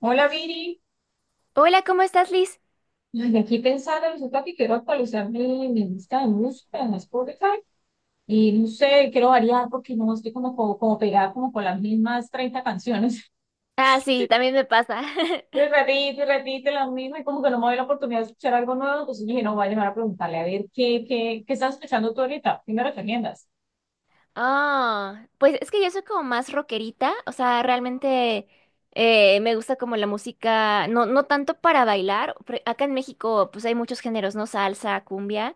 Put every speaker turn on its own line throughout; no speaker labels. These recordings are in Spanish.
Hola Viri.
Hola, ¿cómo estás, Liz?
Ay, aquí pensando, resulta que quiero actualizar mi lista de música en Spotify y no sé, quiero variar porque no estoy como pegada como con las mismas 30 canciones.
Ah, sí, también me pasa.
Y repite las mismas y como que no me doy la oportunidad de escuchar algo nuevo, entonces dije, no, voy a llamar a preguntarle a ver qué estás escuchando tú ahorita, ¿qué me recomiendas?
Ah, pues es que yo soy como más rockerita, o sea, realmente me gusta como la música, no tanto para bailar. Acá en México, pues hay muchos géneros, ¿no? Salsa, cumbia.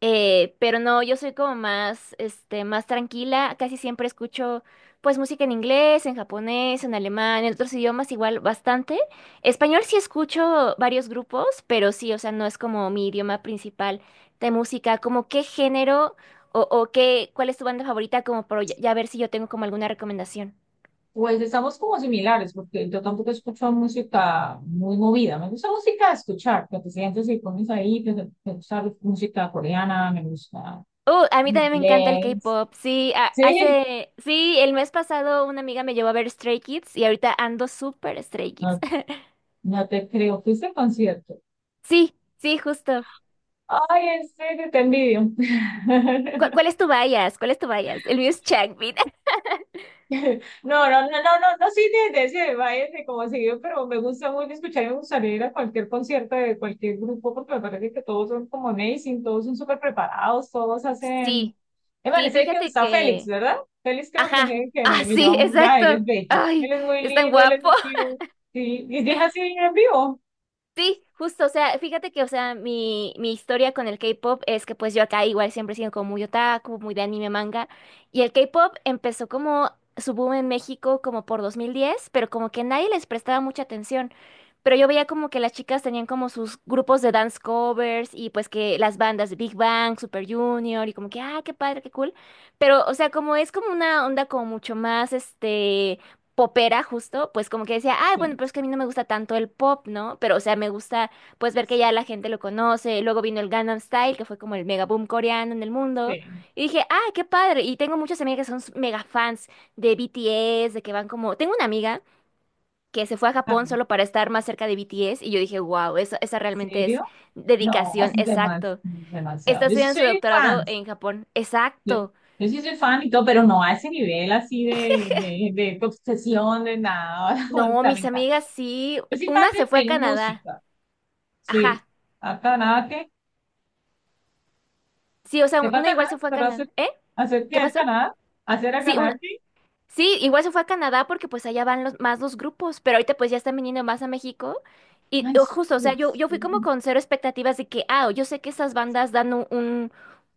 Pero no, yo soy como más, este, más tranquila. Casi siempre escucho, pues, música en inglés, en japonés, en alemán, en otros idiomas igual bastante. Español sí escucho varios grupos, pero sí, o sea, no es como mi idioma principal de música. ¿Como qué género o qué, cuál es tu banda favorita? Como por ya ver si yo tengo como alguna recomendación.
Pues estamos como similares porque yo tampoco escucho música muy movida, me gusta música de escuchar, que te sientes y pones ahí, que te me gusta música coreana, me gusta
A mí también me encanta el
inglés.
K-pop. Sí,
Sí,
hace, sí, el mes pasado una amiga me llevó a ver Stray Kids y ahorita ando súper Stray Kids.
no, no te creo. ¿Fuiste a concierto?
Sí, sí, justo.
Ay, en serio, te envidio.
¿Cuál es tu bias? ¿Cuál es tu bias? El mío es Changmin.
No, no, no, no, no, no soy de ese baile de como seguido, pero me gusta muy escuchar y me gustaría ir a cualquier concierto de cualquier grupo porque me parece que todos son como amazing, todos son súper preparados, todos hacen...
Sí,
Me
sí,
parece que
fíjate
está Félix,
que...
¿verdad? Félix creo que es
Ajá.
el que
Ah,
me
sí,
lleva muy... Ah,
exacto.
él es bello.
Ay,
Él es muy
es tan
lindo, él es
guapo.
muy cute. Sí, y es así en vivo.
Sí, justo, o sea, fíjate que, o sea, mi historia con el K-pop es que pues yo acá igual siempre he sido como muy otaku, muy de anime, manga, y el K-pop empezó como su boom en México como por 2010, pero como que nadie les prestaba mucha atención, pero yo veía como que las chicas tenían como sus grupos de dance covers y pues que las bandas de Big Bang, Super Junior y como que, ah, qué padre, qué cool, pero, o sea, como es como una onda como mucho más, este popera justo, pues como que decía, ay, bueno,
Sí,
pero es que a mí no me gusta tanto el pop, ¿no? Pero, o sea, me gusta, pues, ver que ya la gente lo conoce. Luego vino el Gangnam Style, que fue como el mega boom coreano en el mundo.
sí.
Y dije, ah, qué padre. Y tengo muchas amigas que son mega fans de BTS, de que van como... Tengo una amiga que se fue a Japón solo para estar más cerca de BTS y yo dije, wow, esa realmente es
¿Serio? No, es
dedicación, exacto.
demasiado.
Está
Yo sí
estudiando
soy
su
fan.
doctorado en Japón,
Yo,
exacto.
yo sí soy fan y todo, pero no a ese nivel así de obsesión, de nada. O
No,
sea, me
mis
encanta.
amigas sí.
Yo soy fan
Una se fue
de
a Canadá.
música. Sí.
Ajá.
Acá nada que.
Sí, o sea,
Sepa
una
Canadá,
igual se fue a
pero hacer,
Canadá. ¿Eh?
hacer
¿Qué
que
pasó?
Canadá, hacer a
Sí,
Canadá que.
sí, igual se fue a Canadá porque pues allá van los, más los grupos, pero ahorita pues ya están viniendo más a México. Y
Ay,
o justo, o sea,
sí,
yo fui como
sí.
con cero expectativas de que, ah, yo sé que estas bandas dan un, un,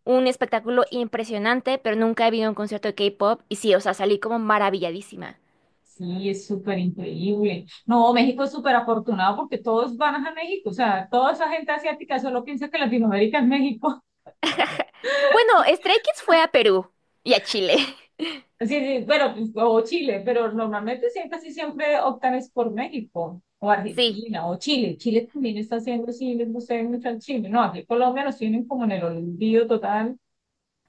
un espectáculo impresionante, pero nunca he visto un concierto de K-pop. Y sí, o sea, salí como maravilladísima.
Sí, es súper increíble. No, México es súper afortunado porque todos van a México. O sea, toda esa gente asiática solo piensa que Latinoamérica es México.
Bueno, Stray Kids fue a Perú y a Chile.
Sí, sí, bueno, pues, o Chile, pero normalmente siempre, casi siempre optan es por México, o
Sí.
Argentina, o Chile. Chile también está haciendo, sí, les gusta mucho al Chile. No, aquí en Colombia nos tienen como en el olvido total.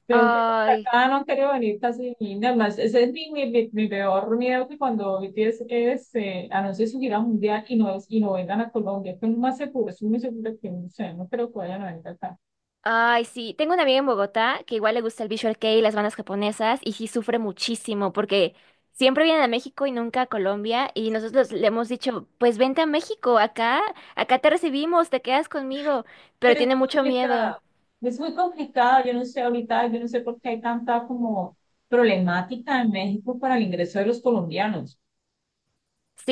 Creo que para
Ay,
acá no han querido venir casi ni nada más. Ese es mi peor miedo, que cuando BTS anuncie su gira mundial y no vengan a Colombia, que es lo más seguro, es muy seguro que no sé, no creo que vayan a venir acá.
ay, sí, tengo una amiga en Bogotá que igual le gusta el Visual Kei y las bandas japonesas y sí sufre muchísimo porque siempre vienen a México y nunca a Colombia y nosotros le hemos dicho, pues vente a México, acá, acá te recibimos, te quedas conmigo, pero
Pero
tiene mucho miedo.
es muy complicado, yo no sé ahorita, yo no sé por qué hay tanta como problemática en México para el ingreso de los colombianos.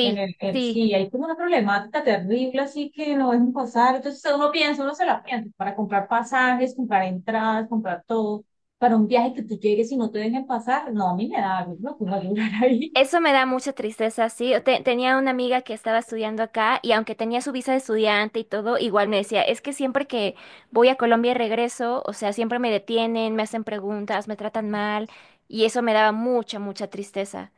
En el,
sí.
sí, hay como una problemática terrible, así que no dejan pasar. Entonces uno piensa, uno se la piensa, para comprar pasajes, comprar entradas, comprar todo, para un viaje que tú llegues y no te dejen pasar, no, a mí me da algo, no puedo llorar ahí.
Eso me da mucha tristeza, sí. Tenía una amiga que estaba estudiando acá y aunque tenía su visa de estudiante y todo, igual me decía, es que siempre que voy a Colombia y regreso, o sea, siempre me detienen, me hacen preguntas, me tratan mal y eso me daba mucha, mucha tristeza.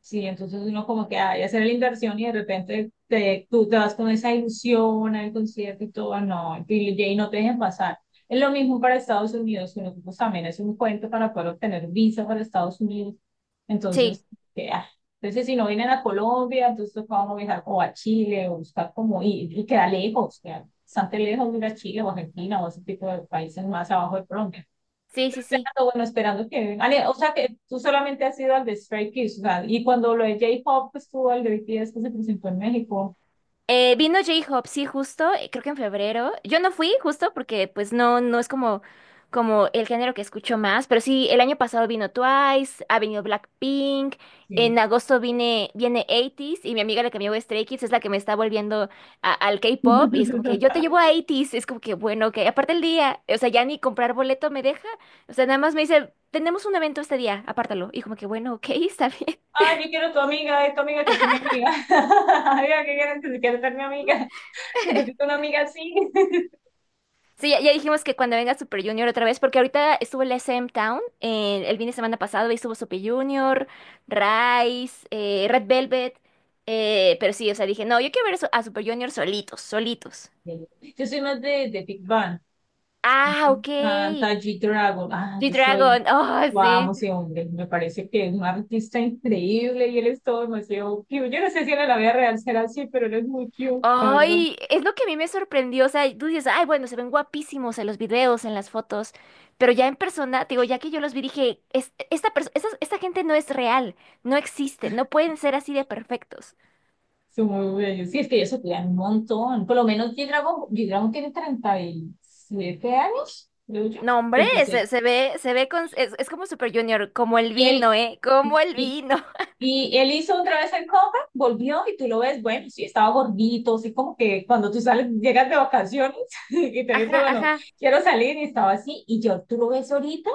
Sí, entonces uno como que hay que hacer la inversión y de repente tú te vas con esa ilusión al concierto y todo, no, Billie, y no te dejen pasar. Es lo mismo para Estados Unidos, que nosotros también es un cuento para poder obtener visa para Estados Unidos. Entonces,
Sí,
que, ah, entonces si no vienen a Colombia, entonces vamos a viajar o a Chile o buscar como ir, y queda lejos, queda bastante lejos de ir a Chile o Argentina o ese tipo de países más abajo de Colombia,
sí, sí, sí.
esperando, bueno, esperando que... Ale, o sea, que tú solamente has ido al de Stray Kids, o sea, y cuando lo de J-Pop estuvo al de BTS que se presentó en México.
Vino J-Hope, sí, justo, creo que en febrero. Yo no fui, justo, porque pues no es como el género que escucho más, pero sí, el año pasado vino Twice, ha venido Blackpink,
Sí.
en agosto viene 80s y mi amiga la que me llevó a Stray Kids es la que me está volviendo al K-pop y es como que yo te llevo a 80s, es como que bueno, que aparte el día, o sea, ya ni comprar boleto me deja, o sea, nada más me dice, tenemos un evento este día, apártalo, y como que bueno, ok, está bien.
Ah, yo quiero tu amiga, tu amiga, que sea mi amiga. Amiga, que quieres que quiero ser mi amiga. Necesito una amiga así.
Sí, ya dijimos que cuando venga Super Junior otra vez, porque ahorita estuvo el SM Town el fin de semana pasado y estuvo Super Junior, Rise, Red Velvet, pero sí, o sea, dije, no, yo quiero ver eso a Super Junior solitos, solitos.
Yo soy más de Big Bang. Me
Ah, ok.
encanta G-Dragon. Ah, yo soy.
G-Dragon, oh,
Yo amo
sí.
ese hombre. Me parece que es un artista increíble y él es todo demasiado cute. Yo no sé si en la vida real será así, pero él es muy cute.
Ay, es lo que a mí me sorprendió, o sea, tú dices, ay, bueno, se ven guapísimos en los videos, en las fotos, pero ya en persona, te digo, ya que yo los vi, dije, "Esta gente no es real, no existe, no pueden ser así de perfectos."
Son muy bellos. Sí, es que ellos se cuidan un montón. Por lo menos G-Dragon, G-Dragon tiene 37 años, creo yo.
No, hombre,
36.
se ve con, es como Super Junior, como el
Y él,
vino, ¿eh? Como el
y,
vino.
y él hizo otra vez el comeback, volvió y tú lo ves, bueno, sí, estaba gordito, así como que cuando tú sales, llegas de vacaciones y te dice,
Ajá,
bueno,
ajá.
quiero salir y estaba así. Y yo, tú lo ves ahorita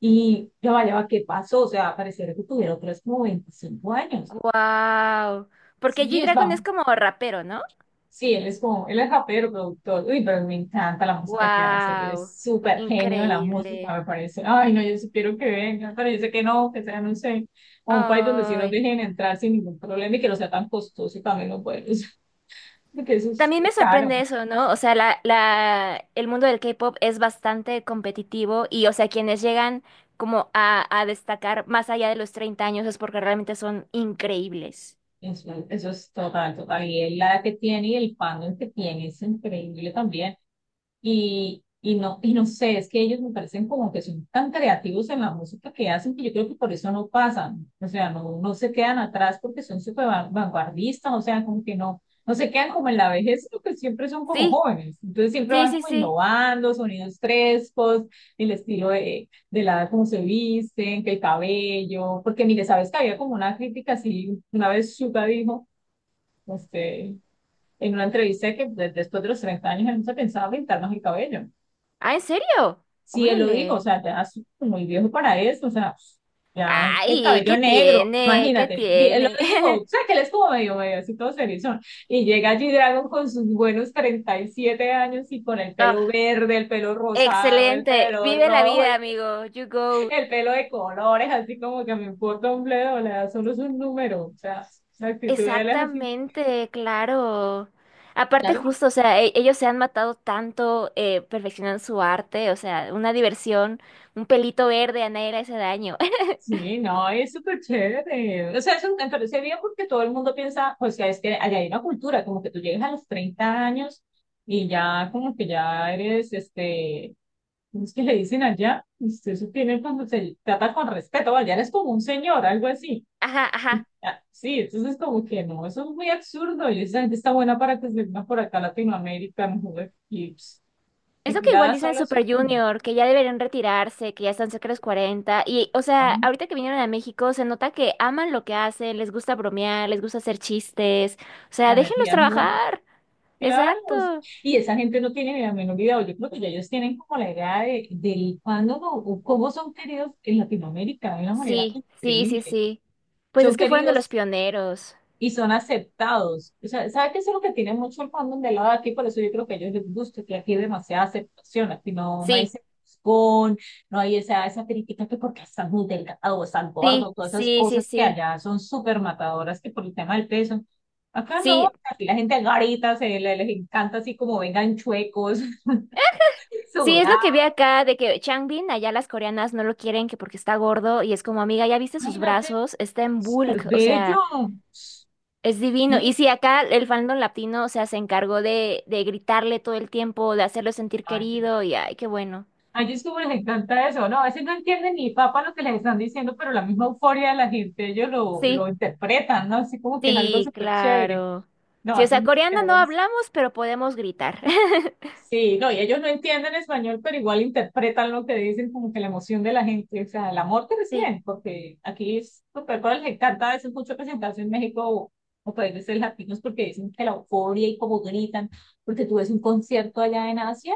y yo, vaya, ¿qué pasó? O sea, pareciera que tuviera otra vez como 25 años.
Wow. Porque
Sí, es.
G-Dragon es como rapero, ¿no?
Sí, él es como, él es rapero, productor. Uy, pero me encanta la música que hace. Él es
Wow.
súper genio de la
Increíble.
música, me parece. Ay, no, yo sí quiero que venga, pero yo sé que no, que sea, no sé, a un país donde sí nos
Ay.
dejen entrar sin ningún problema y que no sea tan costoso y también lo pueden usar, porque eso
También me
es caro.
sorprende eso, ¿no? O sea, el mundo del K-pop es bastante competitivo y, o sea, quienes llegan como a destacar más allá de los 30 años es porque realmente son increíbles.
Eso es total, total. Y él, la edad que tiene y el fandom que tiene es increíble también. Y no sé, es que ellos me parecen como que son tan creativos en la música que hacen, que yo creo que por eso no pasan, o sea, no, no se quedan atrás porque son súper vanguardistas, o sea, como que no, no se quedan como en la vejez, sino que siempre son como
Sí,
jóvenes, entonces siempre
sí,
van
sí,
como
sí.
innovando, sonidos frescos, el estilo de la, cómo se visten, que el cabello, porque mire, sabes que había como una crítica así, una vez Suga dijo, este, en una entrevista que después de los 30 años él no se pensaba pintarnos el cabello.
Ah, ¿en serio?
Si él lo dijo, o
Órale.
sea, ya es muy viejo para eso, o sea, ya el
Ay,
cabello
¿qué
negro,
tiene? ¿Qué
imagínate, él lo
tiene?
dijo, o sea, que él estuvo medio, medio así todo serizón, y llega G-Dragon con sus buenos 37 años y con el
Ah,
pelo verde, el pelo rosado, el
excelente.
pelo
Vive la
rojo,
vida, amigo. You go.
el pelo de colores, así como que me importa un bledo, le da solo su número, o sea, la actitud de él es así.
Exactamente, claro. Aparte, justo, o sea, ellos se han matado tanto perfeccionando su arte, o sea, una diversión, un pelito verde a nadie le hace daño.
Sí, no, es súper chévere. O sea, eso me parece bien porque todo el mundo piensa, pues, que es que allá hay una cultura, como que tú llegas a los 30 años y ya como que ya eres, ¿cómo es que le dicen allá? Usted se tiene cuando se trata con respeto, vaya, eres como un señor, algo así.
Ajá,
Y,
ajá.
ah, sí, entonces como que no, eso es muy absurdo y esa gente está buena para que se venga por acá a Latinoamérica, no joder, y, pss,
Eso
aquí
que
la
igual
da
dicen
solo es
Super
una,
Junior, que ya deberían retirarse, que ya están cerca de los 40. Y, o sea,
¿no?
ahorita que vinieron a México, se nota que aman lo que hacen, les gusta bromear, les gusta hacer chistes. O
La
sea, déjenlos
energía es buena.
trabajar.
Claro, o sea,
Exacto.
y esa gente no tiene ni la menor idea, o yo creo que ya ellos tienen como la idea de, del fandom o cómo son queridos en Latinoamérica de una manera
Sí, sí, sí,
increíble.
sí. Pues es
Son
que fueron de los
queridos
pioneros.
y son aceptados. O sea, ¿sabe qué es lo que tiene mucho el fandom del lado de aquí? Por eso yo creo que a ellos les gusta, que aquí hay demasiada aceptación, aquí no, no hay
Sí,
sesgón, no hay esa, esa crítica que porque estás muy delgado o estás gordo,
sí,
todas esas
sí, sí,
cosas que
sí.
allá son súper matadoras que por el tema del peso. Acá no,
Sí,
aquí la gente garita, les encanta así como vengan chuecos,
sí, es lo que
sudados.
vi acá de que Changbin, allá las coreanas no lo quieren que porque está gordo y es como, amiga, ya viste sus
Imagínate,
brazos, está en
qué
bulk, o sea.
bello.
Es divino. Y
Sí,
si acá el fandom latino, o sea, se encargó de gritarle todo el tiempo, de hacerlo sentir querido, y ay, qué bueno.
a ellos como les encanta eso, ¿no? A veces no entienden ni papa lo que les están diciendo, pero la misma euforia de la gente, ellos lo
Sí,
interpretan, ¿no? Así como que es algo
sí,
súper chévere.
claro.
No,
Sí, o
hacen
sea, coreano no
musicales.
hablamos, pero podemos gritar.
Sí, no, y ellos no entienden español, pero igual interpretan lo que dicen, como que la emoción de la gente, o sea, el amor que
Sí,
reciben, porque aquí es súper, pero les encanta a veces mucho presentarse en México o países latinos porque dicen que la euforia y como gritan, porque tú ves un concierto allá en Asia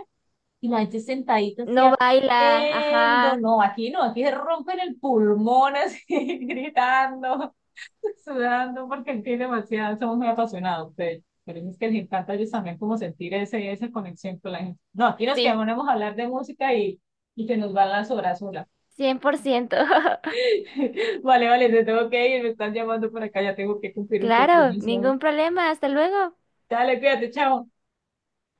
y la gente sentadita así
no baila,
haciendo,
ajá,
no, aquí no, aquí se rompen el pulmón así, gritando, sudando, porque aquí demasiado, somos muy apasionados ustedes. Pero es que les encanta a ellos también como sentir ese, esa conexión con la gente. No, aquí nos
sí,
quedamos a hablar de música y se nos van las horas sola.
100%.
Vale, vale, te tengo que ir, me están llamando por acá, ya tengo que cumplir un
Claro,
compromiso.
ningún problema, hasta luego.
Dale, cuídate, chao.